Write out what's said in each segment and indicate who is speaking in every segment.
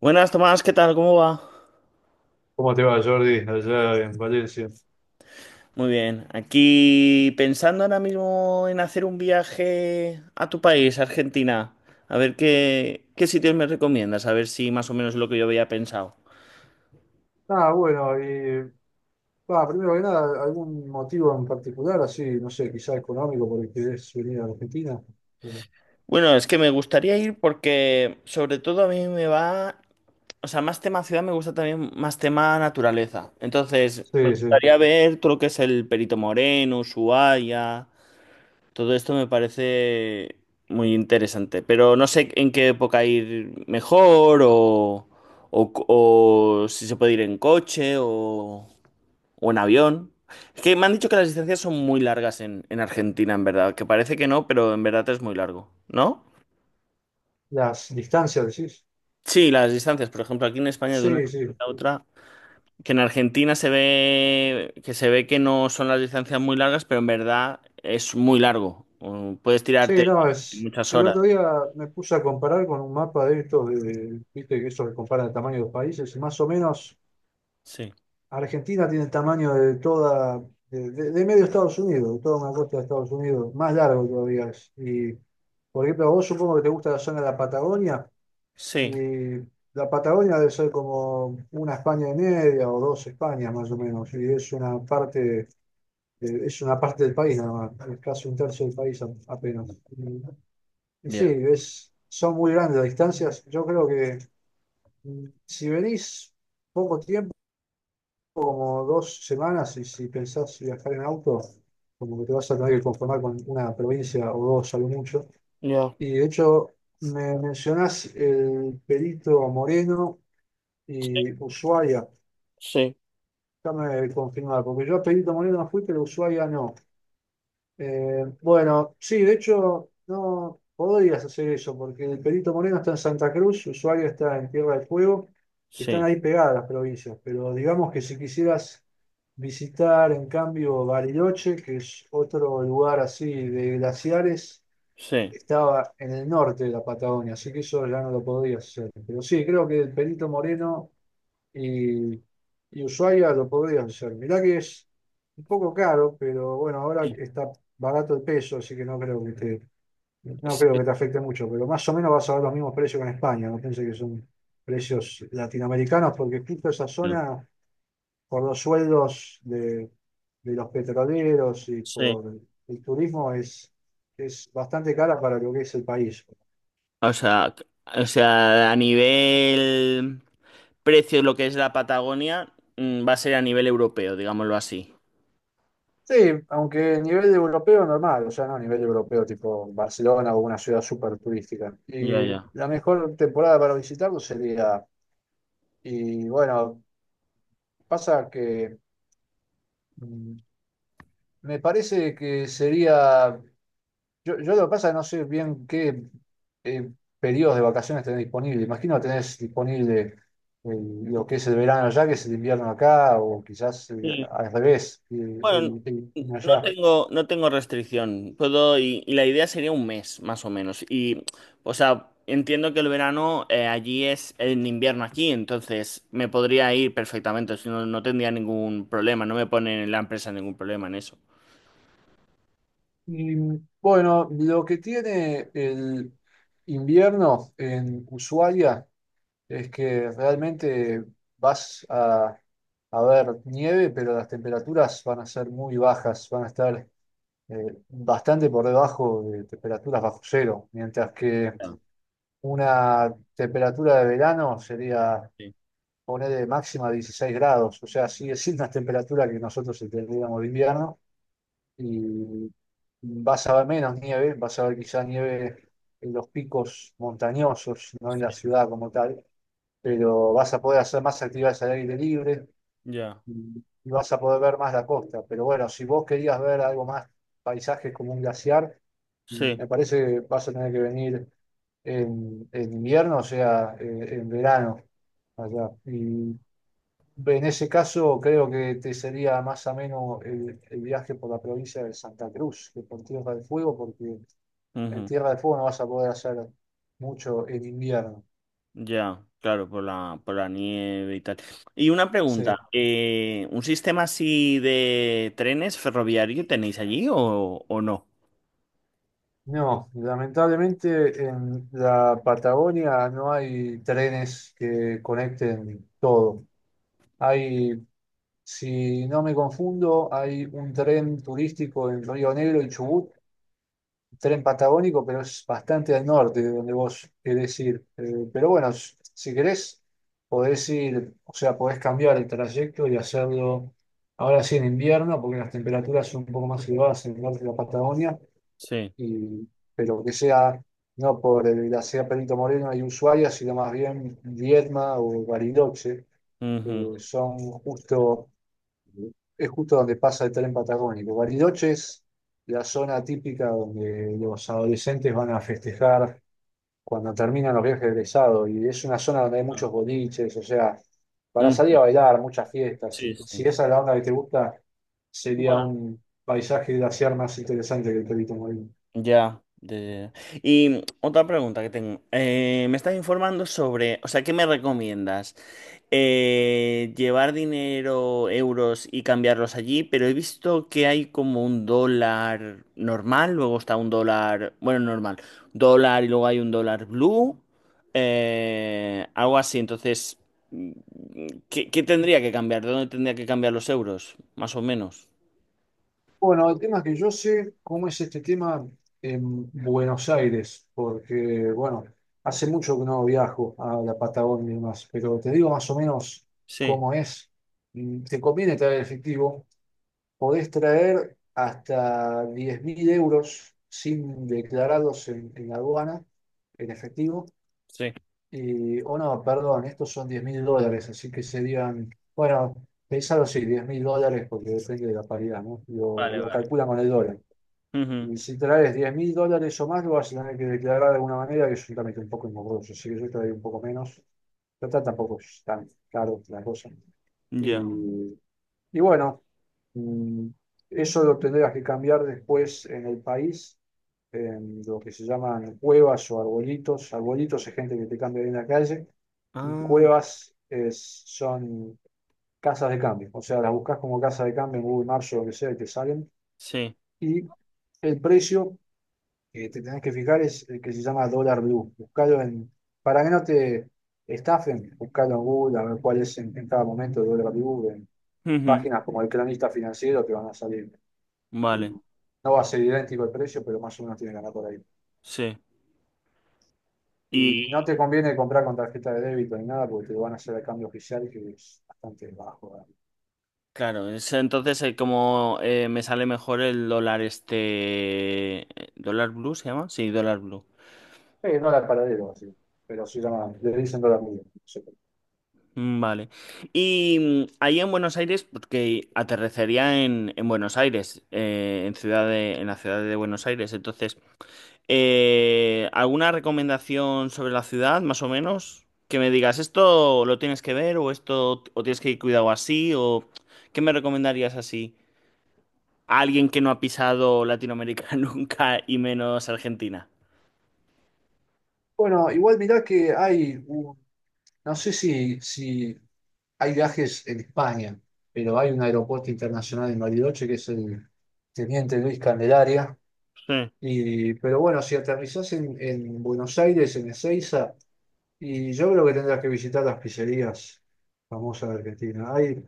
Speaker 1: Buenas, Tomás, ¿qué tal? ¿Cómo va?
Speaker 2: ¿Cómo te va, Jordi, allá en Valencia?
Speaker 1: Muy bien. Aquí pensando ahora mismo en hacer un viaje a tu país, Argentina. A ver qué sitios me recomiendas, a ver si más o menos es lo que yo había pensado.
Speaker 2: Ah, bueno, y Primero que nada, ¿algún motivo en particular, así, no sé, quizá económico por el que querés venir a Argentina?
Speaker 1: Bueno, es que me gustaría ir porque sobre todo a mí me va, o sea, más tema ciudad, me gusta también más tema naturaleza. Entonces, me
Speaker 2: Sí, sí.
Speaker 1: gustaría ver todo lo que es el Perito Moreno, Ushuaia. Todo esto me parece muy interesante, pero no sé en qué época ir mejor o, o si se puede ir en coche o en avión. Es que me han dicho que las distancias son muy largas en Argentina, en verdad, que parece que no, pero en verdad es muy largo, ¿no?
Speaker 2: Las distancias, decís.
Speaker 1: Sí, las distancias, por ejemplo, aquí en España de una
Speaker 2: Sí,
Speaker 1: distancia
Speaker 2: sí.
Speaker 1: a otra, que en Argentina se ve que no son las distancias muy largas, pero en verdad es muy largo. Puedes
Speaker 2: Sí,
Speaker 1: tirarte
Speaker 2: no, es.
Speaker 1: muchas
Speaker 2: El
Speaker 1: horas.
Speaker 2: otro día me puse a comparar con un mapa de estos, de, viste, que eso que compara el tamaño de los países, y más o menos.
Speaker 1: Sí.
Speaker 2: Argentina tiene el tamaño de toda, de medio Estados Unidos, de toda una costa de Estados Unidos, más largo todavía es. Y, por ejemplo, a vos supongo que te gusta la zona de la Patagonia, y
Speaker 1: Sí,
Speaker 2: la Patagonia debe ser como una España y media o dos Españas más o menos, y es una parte del país nada más, es casi un tercio del país apenas. Y, y
Speaker 1: ya,
Speaker 2: sí, es, son muy grandes las distancias. Yo creo que si venís poco tiempo como dos semanas y si pensás viajar en auto, como que te vas a tener que conformar con una provincia o dos a lo mucho.
Speaker 1: ya,
Speaker 2: Y de hecho, me mencionás el Perito Moreno y Ushuaia.
Speaker 1: sí,
Speaker 2: Déjame confirmar, porque yo a Perito Moreno no fui, pero a Ushuaia no. Bueno, sí, de hecho, no podrías hacer eso, porque el Perito Moreno está en Santa Cruz, Ushuaia está en Tierra del Fuego, están
Speaker 1: sí,
Speaker 2: ahí pegadas las provincias, pero digamos que si quisieras visitar, en cambio, Bariloche, que es otro lugar así de glaciares,
Speaker 1: sí.
Speaker 2: estaba en el norte de la Patagonia, así que eso ya no lo podrías hacer. Pero sí, creo que el Perito Moreno y, y Ushuaia lo podría hacer. Mirá que es un poco caro, pero bueno, ahora está barato el peso, así que no
Speaker 1: Sí,
Speaker 2: creo que te afecte mucho, pero más o menos vas a ver los mismos precios que en España, no pienses que son precios latinoamericanos, porque justo esa
Speaker 1: no,
Speaker 2: zona, por los sueldos de los petroleros y
Speaker 1: sí.
Speaker 2: por el turismo, es bastante cara para lo que es el país.
Speaker 1: O sea, o sea, a nivel precio, lo que es la Patagonia, mm, va a ser a nivel europeo, digámoslo así.
Speaker 2: Sí, aunque a nivel europeo normal, o sea, no a nivel europeo tipo Barcelona o una ciudad súper turística.
Speaker 1: Ya,
Speaker 2: Y
Speaker 1: ya.
Speaker 2: la mejor temporada para visitarlo sería, y bueno, pasa que mm, me parece que sería, yo lo que pasa no sé bien qué eh, periodos de vacaciones tenés disponible. Imagino que tenés disponible lo que es el verano allá, que es el invierno acá, o quizás al revés, el
Speaker 1: Bueno,
Speaker 2: invierno
Speaker 1: no
Speaker 2: allá.
Speaker 1: tengo, no tengo restricción. Puedo, y la idea sería un mes, más o menos. Y o sea, entiendo que el verano, allí es en invierno aquí, entonces me podría ir perfectamente. Si No, no tendría ningún problema. No me ponen en la empresa ningún problema en eso.
Speaker 2: Y bueno, lo que tiene el invierno en Ushuaia es que realmente vas a ver nieve, pero las temperaturas van a ser muy bajas, van a estar bastante por debajo de temperaturas bajo cero, mientras que
Speaker 1: Ah.
Speaker 2: una temperatura de verano sería
Speaker 1: Sí.
Speaker 2: poner de máxima 16 grados, o sea, sigue siendo una temperatura que nosotros entenderíamos de invierno y vas a ver menos nieve, vas a ver quizá nieve en los picos montañosos, no en la ciudad como tal, pero vas a poder hacer más actividades al aire libre
Speaker 1: Ya,
Speaker 2: y vas a poder ver más la costa. Pero bueno, si vos querías ver algo más, paisajes como un glaciar,
Speaker 1: sí,
Speaker 2: me parece que vas a tener que venir en invierno, o sea, en verano allá. Y en ese caso, creo que te sería más ameno el viaje por la provincia de Santa Cruz que por Tierra del Fuego, porque en
Speaker 1: ujú.
Speaker 2: Tierra del Fuego no vas a poder hacer mucho en invierno.
Speaker 1: Ya, claro, por la nieve y tal. Y una
Speaker 2: Sí.
Speaker 1: pregunta, ¿un sistema así de trenes ferroviario tenéis allí o no?
Speaker 2: No, lamentablemente en la Patagonia no hay trenes que conecten todo. Hay, si no me confundo, hay un tren turístico en Río Negro y Chubut, tren patagónico, pero es bastante al norte de donde vos querés ir. Pero bueno, si querés, podés ir, o sea, podés cambiar el trayecto y hacerlo ahora sí en invierno, porque las temperaturas son un poco más elevadas en el norte de la Patagonia,
Speaker 1: Sí.
Speaker 2: y, pero que sea no por la ciudad Perito Moreno y Ushuaia, sino más bien Viedma o Bariloche,
Speaker 1: Ujú.
Speaker 2: que son justo es justo donde pasa el tren patagónico. Bariloche es la zona típica donde los adolescentes van a festejar cuando terminan los viajes de egresado y es una zona donde hay muchos boliches, o sea, para salir
Speaker 1: Mm,
Speaker 2: a bailar, muchas fiestas.
Speaker 1: sí,
Speaker 2: Si
Speaker 1: sí.
Speaker 2: esa es la onda que te gusta, sería
Speaker 1: Bueno.
Speaker 2: un paisaje glaciar más interesante que el Perito Moreno.
Speaker 1: Ya, ya, ya, ya. Y, mm, otra pregunta que tengo. Me estás informando sobre, o sea, ¿qué me recomiendas? Llevar dinero, euros y cambiarlos allí, pero he visto que hay como un dólar normal, luego está un dólar, bueno, normal, dólar, y luego hay un dólar blue, algo así. Entonces, mm, ¿qué tendría que cambiar? ¿De dónde tendría que cambiar los euros? Más o menos.
Speaker 2: Bueno, el tema es que yo sé cómo es este tema en Buenos Aires, porque, bueno, hace mucho que no viajo a la Patagonia y demás, pero te digo más o menos
Speaker 1: Sí,
Speaker 2: cómo es. Te conviene traer efectivo, podés traer hasta 10.000 euros sin declararlos en la aduana, en efectivo,
Speaker 1: sí.
Speaker 2: y, o no, perdón, estos son 10.000 dólares, así que serían, bueno, pensalo así, 10.000 dólares, porque depende de la paridad, ¿no?
Speaker 1: Vale,
Speaker 2: Lo
Speaker 1: vale.
Speaker 2: calculan con el dólar.
Speaker 1: Ujú.
Speaker 2: Y si traes 10.000 dólares o más, lo vas a tener que declarar de alguna manera, que es también estoy un poco engorroso, así que yo traigo un poco menos. Total, tampoco es tan caro la cosa.
Speaker 1: Ya.
Speaker 2: Y, y bueno, mm, eso lo tendrás que cambiar después en el país, en lo que se llaman cuevas o arbolitos. Arbolitos es gente que te cambia ahí en la calle, y
Speaker 1: Ah,
Speaker 2: cuevas son casas de cambio. O sea, las buscas como casa de cambio en Google Maps o lo que sea y te salen.
Speaker 1: sí.
Speaker 2: Y el precio que te tenés que fijar es el que se llama Dólar Blue. Buscalo en, para que no te estafen, buscalo en Google a ver cuál es en cada momento Dólar Blue, en
Speaker 1: Ujú.
Speaker 2: páginas como el cronista financiero te van a salir.
Speaker 1: Vale,
Speaker 2: Y no va a ser idéntico el precio, pero más o menos tiene que andar por ahí.
Speaker 1: sí. Y
Speaker 2: Y no te conviene comprar con tarjeta de débito ni nada, porque te lo van a hacer el cambio oficial, que es bastante bajo. ¿Verdad?
Speaker 1: claro, es entonces, como, me sale mejor el dólar este... ¿Dólar blue se llama? Sí, dólar blue.
Speaker 2: No la paradero, así. Pero se llama, le dicen Dólar Blue. No sé.
Speaker 1: Mm. Vale. Y, mm, ahí en Buenos Aires, porque aterrecería en Buenos Aires, en en la ciudad de Buenos Aires. Entonces, eh, ¿alguna recomendación sobre la ciudad, más o menos? Que me digas, esto lo tienes que ver, o esto, o tienes que ir cuidado así, o ¿qué me recomendarías así? A alguien que no ha pisado Latinoamérica nunca y menos Argentina.
Speaker 2: Bueno, igual mirá que hay un, no sé si hay viajes en España, pero hay un aeropuerto internacional en Bariloche que es el Teniente Luis Candelaria.
Speaker 1: Sí.
Speaker 2: Y, pero bueno, si aterrizás en Buenos Aires, en Ezeiza, y yo creo que tendrás que visitar las pizzerías famosas de Argentina. Hay,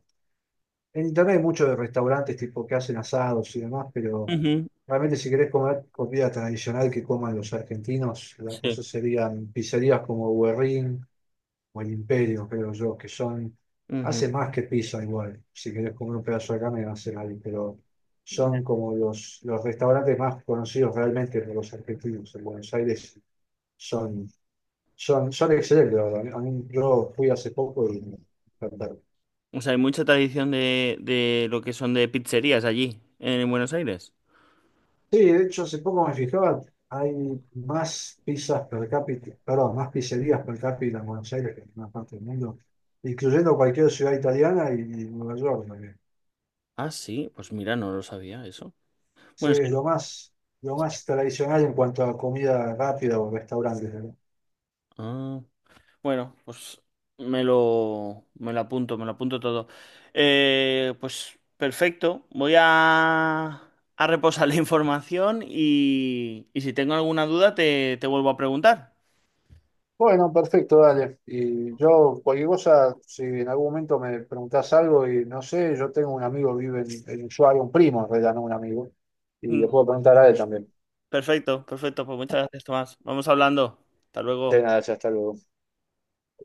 Speaker 2: en internet hay muchos de restaurantes tipo que hacen asados y demás, pero
Speaker 1: Ujú.
Speaker 2: realmente si querés comer comida tradicional que coman los argentinos, las
Speaker 1: Sí.
Speaker 2: cosas serían pizzerías como Guerrín o el Imperio, creo yo, que son, hace
Speaker 1: Ujú.
Speaker 2: más que pizza igual, si querés comer un pedazo de carne hace ahí, pero
Speaker 1: Ya.
Speaker 2: son como los restaurantes más conocidos realmente por los argentinos en Buenos Aires, son, son excelentes, la verdad. Yo fui hace poco y me encantaron.
Speaker 1: O sea, hay mucha tradición de lo que son de pizzerías allí, en Buenos Aires.
Speaker 2: Sí, de hecho hace poco me fijaba, hay más pizzas per cápita, perdón, más pizzerías per cápita en Buenos Aires que en ninguna parte del mundo, incluyendo cualquier ciudad italiana y Nueva York.
Speaker 1: Ah, sí, pues mira, no lo sabía eso.
Speaker 2: Sí,
Speaker 1: Bueno, es que...
Speaker 2: es lo más tradicional en cuanto a comida rápida o restaurantes, ¿verdad?
Speaker 1: ah. Bueno, pues me lo apunto, me lo apunto todo. Pues perfecto, voy a reposar la información y si tengo alguna duda, te vuelvo a preguntar.
Speaker 2: Bueno, perfecto, dale. Y yo, cualquier cosa, si en algún momento me preguntás algo y no sé, yo tengo un amigo que vive en Ushuaia, un primo, en realidad, no un amigo, y le
Speaker 1: Mm.
Speaker 2: puedo preguntar a él también.
Speaker 1: Perfecto, perfecto, pues muchas gracias, Tomás. Vamos hablando. Hasta
Speaker 2: De
Speaker 1: luego.
Speaker 2: nada, ya hasta luego.